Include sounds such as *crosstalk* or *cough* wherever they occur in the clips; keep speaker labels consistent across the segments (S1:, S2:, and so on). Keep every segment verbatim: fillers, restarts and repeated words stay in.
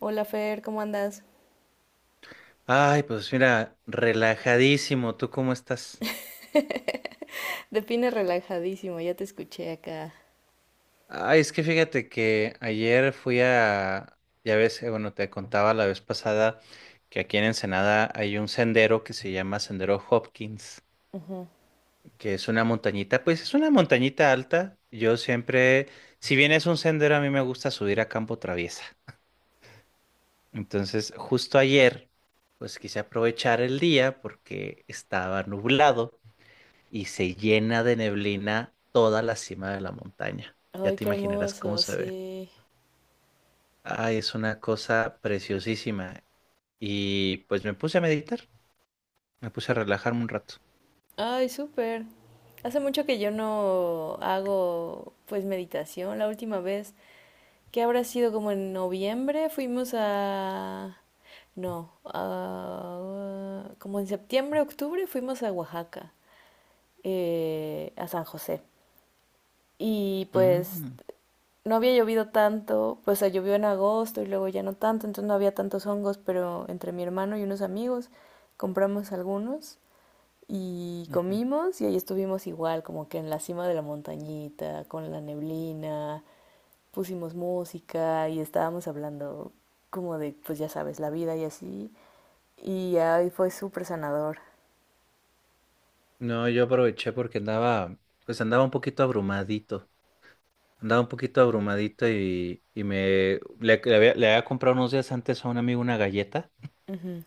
S1: Hola Fer, ¿cómo andas?
S2: Ay, pues mira, relajadísimo. ¿Tú cómo estás?
S1: De Pine relajadísimo, ya te escuché acá.
S2: Ay, es que fíjate que ayer fui a, ya ves, eh, bueno, te contaba la vez pasada que aquí en Ensenada hay un sendero que se llama Sendero Hopkins,
S1: Ujú.
S2: que es una montañita, pues es una montañita alta. Yo siempre, si bien es un sendero, a mí me gusta subir a campo traviesa. Entonces, justo ayer, pues quise aprovechar el día porque estaba nublado y se llena de neblina toda la cima de la montaña. Ya
S1: Ay,
S2: te
S1: qué
S2: imaginarás cómo
S1: hermoso,
S2: se ve.
S1: sí.
S2: Ay, es una cosa preciosísima. Y pues me puse a meditar, me puse a relajarme un rato.
S1: Ay, súper. Hace mucho que yo no hago pues meditación. La última vez que habrá sido como en noviembre fuimos a... No, a- como en septiembre, octubre fuimos a Oaxaca, eh, a San José. Y pues
S2: Mm,
S1: no había llovido tanto, pues o sea, llovió en agosto y luego ya no tanto, entonces no había tantos hongos, pero entre mi hermano y unos amigos compramos algunos y
S2: ujú.
S1: comimos y ahí estuvimos igual, como que en la cima de la montañita, con la neblina, pusimos música y estábamos hablando como de, pues ya sabes, la vida y así. Y ahí fue súper sanador.
S2: No, yo aproveché porque andaba, pues andaba un poquito abrumadito. Andaba un poquito abrumadito y, y me le, le había, le había comprado unos días antes a un amigo una galleta
S1: Ujú.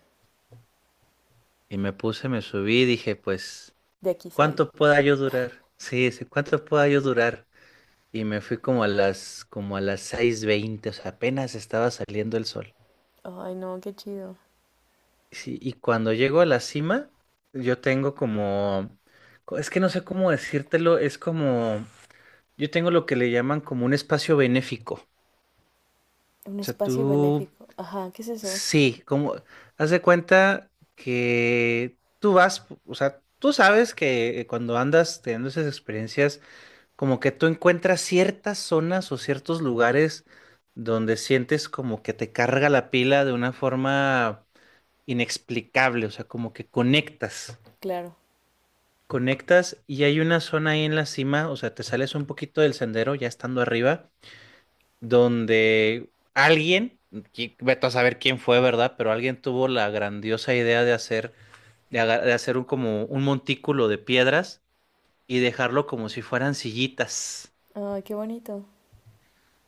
S2: y me puse, me subí y dije, pues,
S1: De aquí soy.
S2: ¿cuánto pueda yo durar? Sí, sí, ¿cuánto pueda yo durar? Y me fui como a las, como a las seis veinte. O sea, apenas estaba saliendo el sol.
S1: Ay, no, qué chido.
S2: Sí, y cuando llego a la cima, yo tengo como, co- es que no sé cómo decírtelo, es como, yo tengo lo que le llaman como un espacio benéfico.
S1: Un
S2: O sea,
S1: espacio
S2: tú,
S1: benéfico. Ajá, ¿qué es eso?
S2: sí, como, haz de cuenta que tú vas, o sea, tú sabes que cuando andas teniendo esas experiencias, como que tú encuentras ciertas zonas o ciertos lugares donde sientes como que te carga la pila de una forma inexplicable. O sea, como que conectas,
S1: Claro.
S2: conectas y hay una zona ahí en la cima, o sea, te sales un poquito del sendero ya estando arriba, donde alguien, qui- vete a saber quién fue, ¿verdad? Pero alguien tuvo la grandiosa idea de hacer, de, aga- de hacer un como un montículo de piedras y dejarlo como si fueran sillitas.
S1: Ay, qué bonito.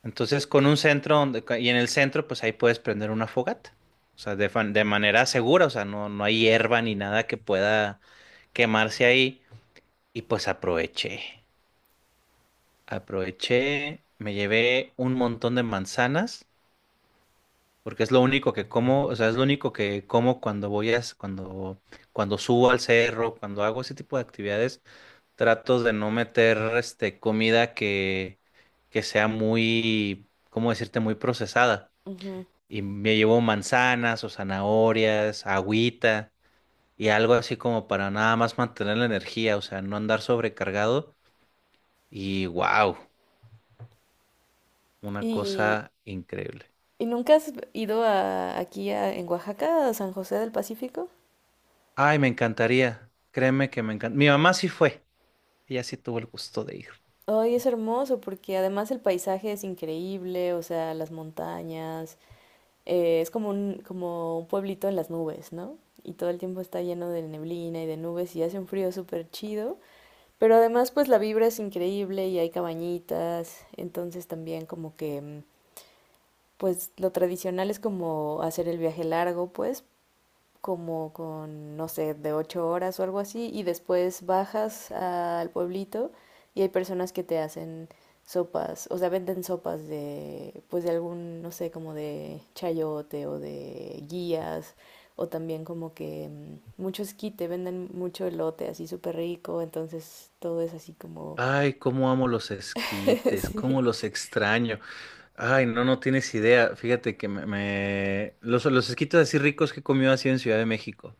S2: Entonces, con un centro donde, ca- y en el centro, pues ahí puedes prender una fogata. O sea, de, fan- de manera segura. O sea, no, no hay hierba ni nada que pueda quemarse ahí. Y pues aproveché, aproveché, me llevé un montón de manzanas, porque es lo único que como. O sea, es lo único que como cuando voy a, s- cuando, cuando subo al cerro, cuando hago ese tipo de actividades. Trato de no meter, este, comida que, que sea muy, ¿cómo decirte?, muy procesada.
S1: Ujú.
S2: Y me llevo manzanas o zanahorias, agüita y algo así como para nada más mantener la energía, o sea, no andar sobrecargado. Y wow, una
S1: ¿Y,
S2: cosa increíble.
S1: y nunca has ido a, aquí a- en Oaxaca, a San José del Pacífico?
S2: Ay, me encantaría. Créeme que me encanta. Mi mamá sí fue. Ella sí tuvo el gusto de ir.
S1: Ay, es hermoso porque además el paisaje es increíble, o sea, las montañas, eh, es como un, como un pueblito en las nubes, ¿no? Y todo el tiempo está lleno de neblina y de nubes y hace un frío súper chido. Pero además, pues la vibra es increíble y hay cabañitas, entonces también como que, mm, pues lo tradicional es como hacer el viaje largo, pues, como con, no sé, de ocho horas o algo así, y después bajas al pueblito y hay personas que te hacen sopas, o sea, venden sopas de, pues de algún, no sé, como de chayote o de guías, o también como que mm, mucho esquite, venden mucho elote así súper rico, entonces todo es así como...
S2: Ay, cómo amo los
S1: *laughs*
S2: esquites, cómo
S1: Sí.
S2: los extraño. Ay, no, no tienes idea. Fíjate que me, me- Los, los esquites así ricos que he comido así en Ciudad de México.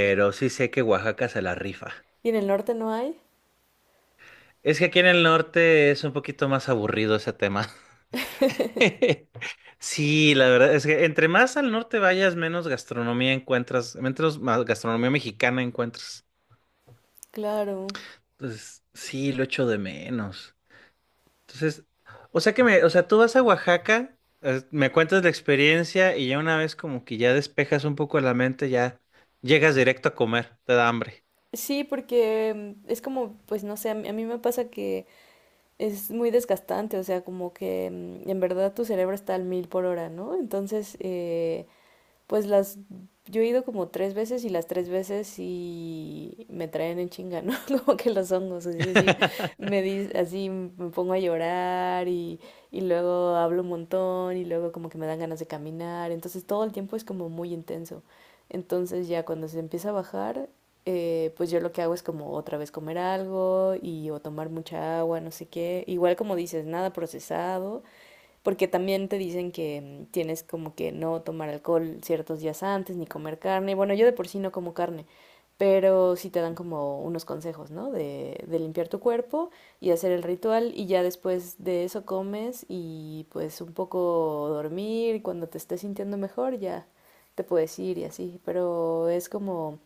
S1: ¿Y
S2: sí sé que Oaxaca se la rifa.
S1: en el norte no hay?
S2: Es que aquí en el norte es un poquito más aburrido ese tema. *laughs* Sí, la verdad es que entre más al norte vayas, menos gastronomía encuentras, menos, más gastronomía mexicana encuentras.
S1: Claro.
S2: Entonces, sí, lo echo de menos. Entonces, o sea que me, o sea, tú vas a Oaxaca, eh, me cuentas la experiencia y ya una vez como que ya despejas un poco la mente, ya llegas directo a comer, te da hambre.
S1: Sí, porque mm, es como, pues no sé, a mí, a mí me pasa que es muy desgastante, o sea, como que mm, en verdad tu cerebro está al mil por hora, ¿no? Entonces, eh, pues las, yo he ido como tres veces y las tres veces y me traen en chinga, ¿no? *laughs* Como que los hongos, es decir, me
S2: *laughs*
S1: di- así me pongo a llorar y, y luego hablo un montón y luego como que me dan ganas de caminar, entonces todo el tiempo es como muy intenso. Entonces ya cuando se empieza a bajar, eh, pues yo lo que hago es como otra vez comer algo y o tomar mucha agua, no sé qué. Igual como dices, nada procesado porque también te dicen que mm, tienes como que no tomar alcohol ciertos días antes, ni comer carne. Bueno, yo de por sí no como carne, pero sí te dan como unos consejos, ¿no? De, de limpiar tu cuerpo y hacer el ritual y ya después de eso comes y pues un poco dormir y cuando te estés sintiendo mejor ya te puedes ir y así, pero es como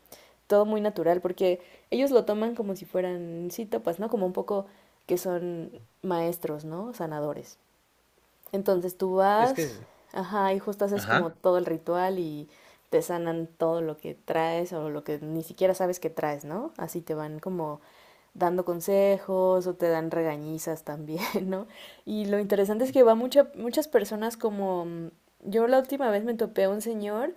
S1: todo muy natural porque ellos lo toman como si fueran sí topas, ¿no? Como un poco que son maestros, ¿no? Sanadores. Entonces tú
S2: Es
S1: vas,
S2: que,
S1: ajá, y justo haces como
S2: ajá.
S1: todo el ritual y te sanan todo lo que traes o lo que ni siquiera sabes que traes, ¿no? Así te van como dando consejos o te dan regañizas también, *laughs* ¿no? Y lo interesante es que va mucha, muchas personas como... mm, yo la última vez me topé a un señor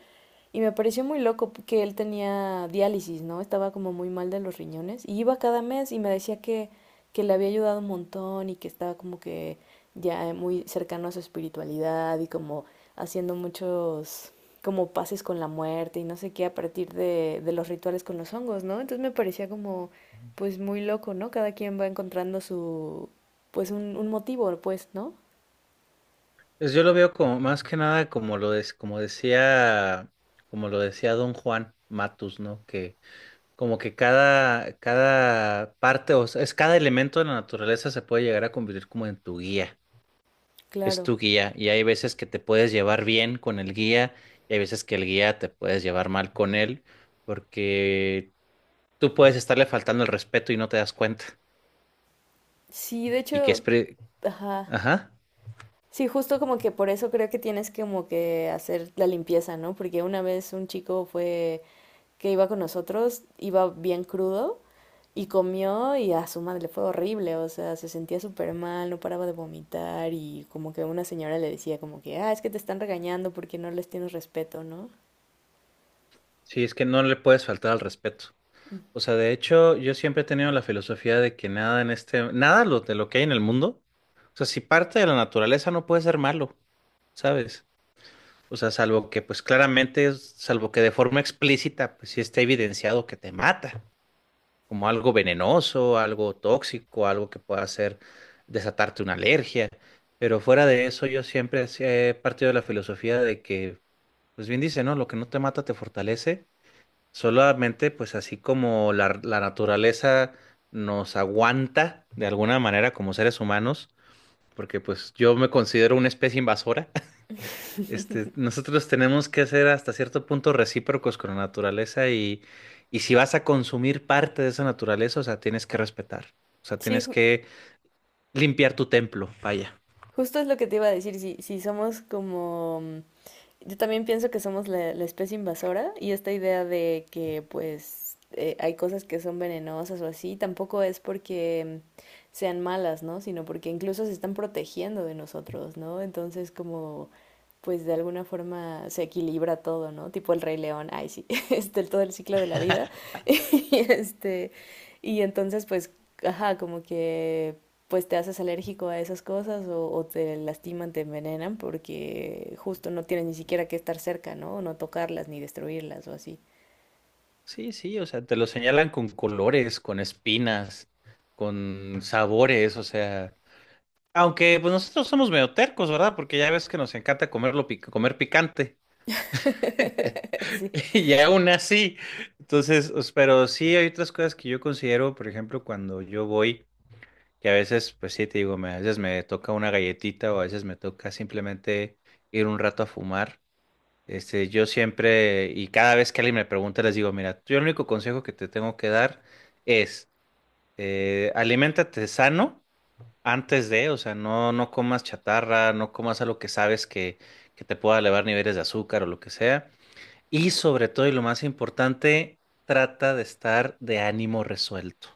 S1: y me pareció muy loco que él tenía diálisis, ¿no? Estaba como muy mal de los riñones y iba cada mes y me decía que, que le había ayudado un montón y que estaba como que ya muy cercano a su espiritualidad y como haciendo muchos como pases con la muerte y no sé qué a partir de, de los rituales con los hongos, ¿no? Entonces me parecía como pues muy loco, ¿no? Cada quien va encontrando su pues un, un motivo, pues, ¿no?
S2: Pues yo lo veo como más que nada como lo des- como decía, como lo decía Don Juan Matus, ¿no? Que como que cada, cada parte, o sea, es cada elemento de la naturaleza se puede llegar a convertir como en tu guía. Es
S1: Claro.
S2: tu guía. Y hay veces que te puedes llevar bien con el guía, y hay veces que el guía te puedes llevar mal con él, porque tú puedes estarle faltando el respeto y no te das cuenta.
S1: Sí, de
S2: Y que es
S1: hecho,
S2: pre-
S1: ajá.
S2: Ajá.
S1: Sí, justo como que por eso creo que tienes como que hacer la limpieza, ¿no? Porque una vez un chico fue que iba con nosotros, iba bien crudo y comió y a su madre le fue horrible, o sea, se sentía súper mal, no paraba de vomitar y como que una señora le decía como que, ah, es que te están regañando porque no les tienes respeto, ¿no?
S2: Sí, es que no le puedes faltar al respeto. O sea, de hecho, yo siempre he tenido la filosofía de que nada en este, nada lo- de lo que hay en el mundo, o sea, si parte de la naturaleza no puede ser malo, ¿sabes? O sea, salvo que, pues claramente, es- salvo que de forma explícita, pues sí esté evidenciado que te mata, como algo venenoso, algo tóxico, algo que pueda hacer desatarte una alergia. Pero fuera de eso, yo siempre sí he partido de la filosofía de que, pues bien dice, ¿no? Lo que no te mata te fortalece. Solamente, pues así como la, la naturaleza nos aguanta de alguna manera como seres humanos, porque pues yo me considero una especie invasora, *laughs* este, nosotros tenemos que ser hasta cierto punto recíprocos con la naturaleza y, y si vas a consumir parte de esa naturaleza, o sea, tienes que respetar, o sea,
S1: Sí,
S2: tienes
S1: ju-
S2: que limpiar tu templo, vaya.
S1: justo es lo que te iba a decir, si, si somos como mm, yo también pienso que somos la, la especie invasora y esta idea de que pues eh, hay cosas que son venenosas o así, tampoco es porque mm, sean malas, ¿no? Sino porque incluso se están protegiendo de nosotros, ¿no? Entonces como pues de alguna forma se equilibra todo, ¿no? Tipo el Rey León, ay sí, *laughs* este, todo el ciclo de la vida *laughs* y este, y entonces pues, ajá, como que pues te haces alérgico a esas cosas o, o te lastiman, te envenenan porque justo no tienes ni siquiera que estar cerca, ¿no? No tocarlas ni destruirlas o así.
S2: Sí, sí, o sea, te lo señalan con colores, con espinas, con sabores, o sea... Aunque pues nosotros somos medio tercos, ¿verdad? Porque ya ves que nos encanta comerlo pic- comer picante. *laughs*
S1: *laughs* Sí.
S2: Y aún así. Entonces, os- pero sí hay otras cosas que yo considero, por ejemplo, cuando yo voy, que a veces, pues sí, te digo, me- a veces me toca una galletita o a veces me toca simplemente ir un rato a fumar. Este, yo siempre, y cada vez que alguien me pregunta, les digo, mira, yo el único consejo que te tengo que dar es, eh, aliméntate sano antes de, o sea, no, no comas chatarra, no comas algo que sabes que, que te pueda elevar niveles de azúcar o lo que sea. Y sobre todo, y lo más importante, trata de estar de ánimo resuelto.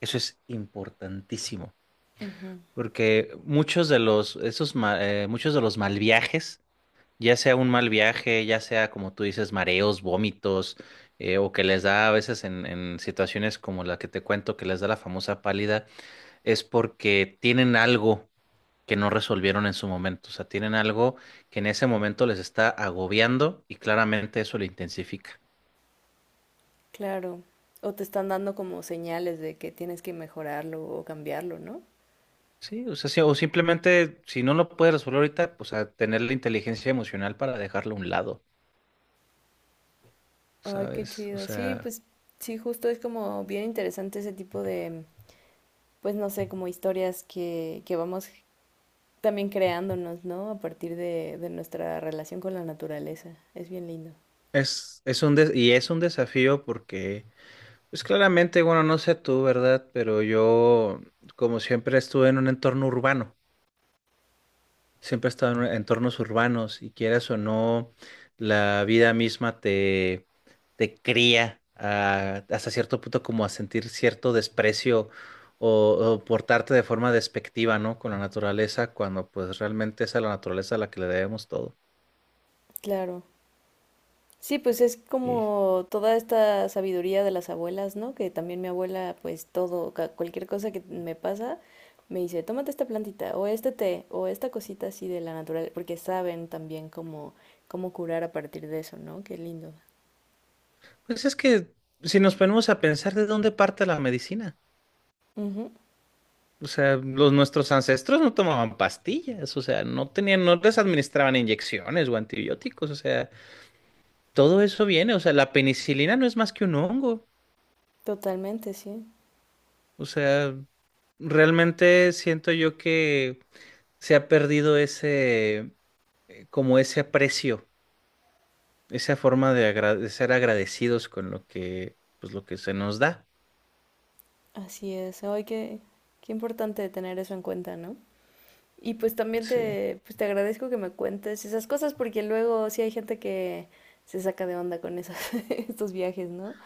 S2: Eso es importantísimo,
S1: Ujú.
S2: porque muchos de los, esos, ma- eh, muchos de los mal viajes, ya sea un mal viaje, ya sea como tú dices, mareos, vómitos, eh, o que les da a veces en, en situaciones como la que te cuento, que les da la famosa pálida, es porque tienen algo que no resolvieron en su momento. O sea, tienen algo que en ese momento les está agobiando y claramente eso lo intensifica.
S1: Claro. O te están dando como señales de que tienes que mejorarlo o cambiarlo, ¿no?
S2: Sí, o sea, sí, o simplemente si no lo puedes resolver ahorita, pues a tener la inteligencia emocional para dejarlo a un lado,
S1: Ay, qué
S2: ¿sabes? O
S1: chido. Sí,
S2: sea,
S1: pues sí, justo es como bien interesante ese tipo de, pues no sé, como historias que, que vamos también creándonos, ¿no? A partir de, de nuestra relación con la naturaleza. Es bien lindo.
S2: es, es un des- y es un desafío porque, pues claramente, bueno, no sé tú, ¿verdad? Pero yo, como siempre, estuve en un entorno urbano. Siempre he estado en entornos urbanos y quieras o no, la vida misma te, te cría a- hasta cierto punto como a sentir cierto desprecio o, o portarte de forma despectiva, ¿no? Con la naturaleza, cuando pues realmente es a la naturaleza a la que le debemos todo.
S1: Claro. Sí, pues es
S2: Y
S1: como toda esta sabiduría de las abuelas, ¿no? Que también mi abuela, pues todo, ca- cualquier cosa que me pasa, me dice, tómate esta plantita, o este té, o esta cosita así de la natural, porque saben también cómo, cómo curar a partir de eso, ¿no? Qué lindo.
S2: pues es que si nos ponemos a pensar de dónde parte la medicina.
S1: Ujú.
S2: O sea, los nuestros ancestros no tomaban pastillas, o sea, no tenían, no les administraban inyecciones o antibióticos, o sea, todo eso viene, o sea, la penicilina no es más que un hongo.
S1: Totalmente, sí.
S2: O sea, realmente siento yo que se ha perdido ese, eh, como ese aprecio, esa forma de, agra- de ser agradecidos con lo que, pues lo que se nos da.
S1: Así es. Ay, qué, qué importante tener eso en cuenta, ¿no? Y pues también
S2: Sí.
S1: te, pues te agradezco que me cuentes esas cosas porque luego sí hay gente que se saca de onda con esos, *laughs* estos viajes, ¿no?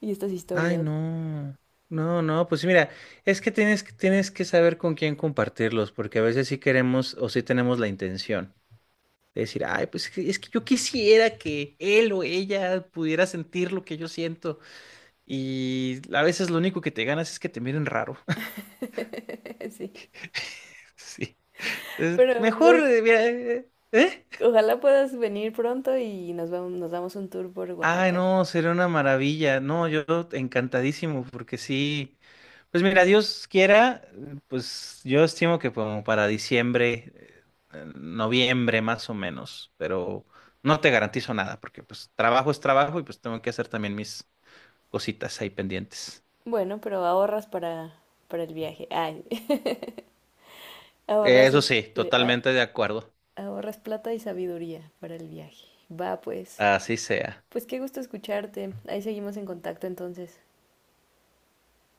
S1: Y estas
S2: Ay,
S1: historias.
S2: no. No, no, pues mira, es que tienes, que- tienes que saber con quién compartirlos, porque a veces sí queremos o sí tenemos la intención de decir, ay, pues es que es que yo quisiera que él o ella pudiera sentir lo que yo siento. Y a veces lo único que te ganas es que te miren raro. *laughs*
S1: *laughs* Sí.
S2: Sí. Es
S1: Pero
S2: mejor,
S1: pues,
S2: eh, mira, eh, ¿eh?
S1: o- ojalá puedas venir pronto y nos vamos, nos damos un tour por
S2: Ay,
S1: Oaxaca.
S2: no, sería una maravilla. No, yo encantadísimo, porque sí. Pues mira, Dios quiera, eh, pues yo estimo que como para diciembre, eh, noviembre más o menos, pero no te garantizo nada, porque pues trabajo es trabajo y pues tengo que hacer también mis cositas ahí pendientes.
S1: Bueno, pero ahorras para, para el viaje. Ay, *laughs* ahorras
S2: Eso sí,
S1: este, a-
S2: totalmente de acuerdo.
S1: ahorras plata y sabiduría para el viaje. Va pues.
S2: Así sea.
S1: Pues qué gusto escucharte. Ahí seguimos en contacto entonces.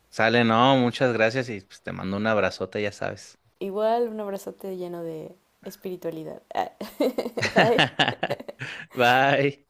S2: Sale, no, muchas gracias y pues, te mando un abrazote, ya sabes.
S1: Igual un abrazote lleno de espiritualidad. Ah. *laughs* Bye.
S2: *laughs* Bye.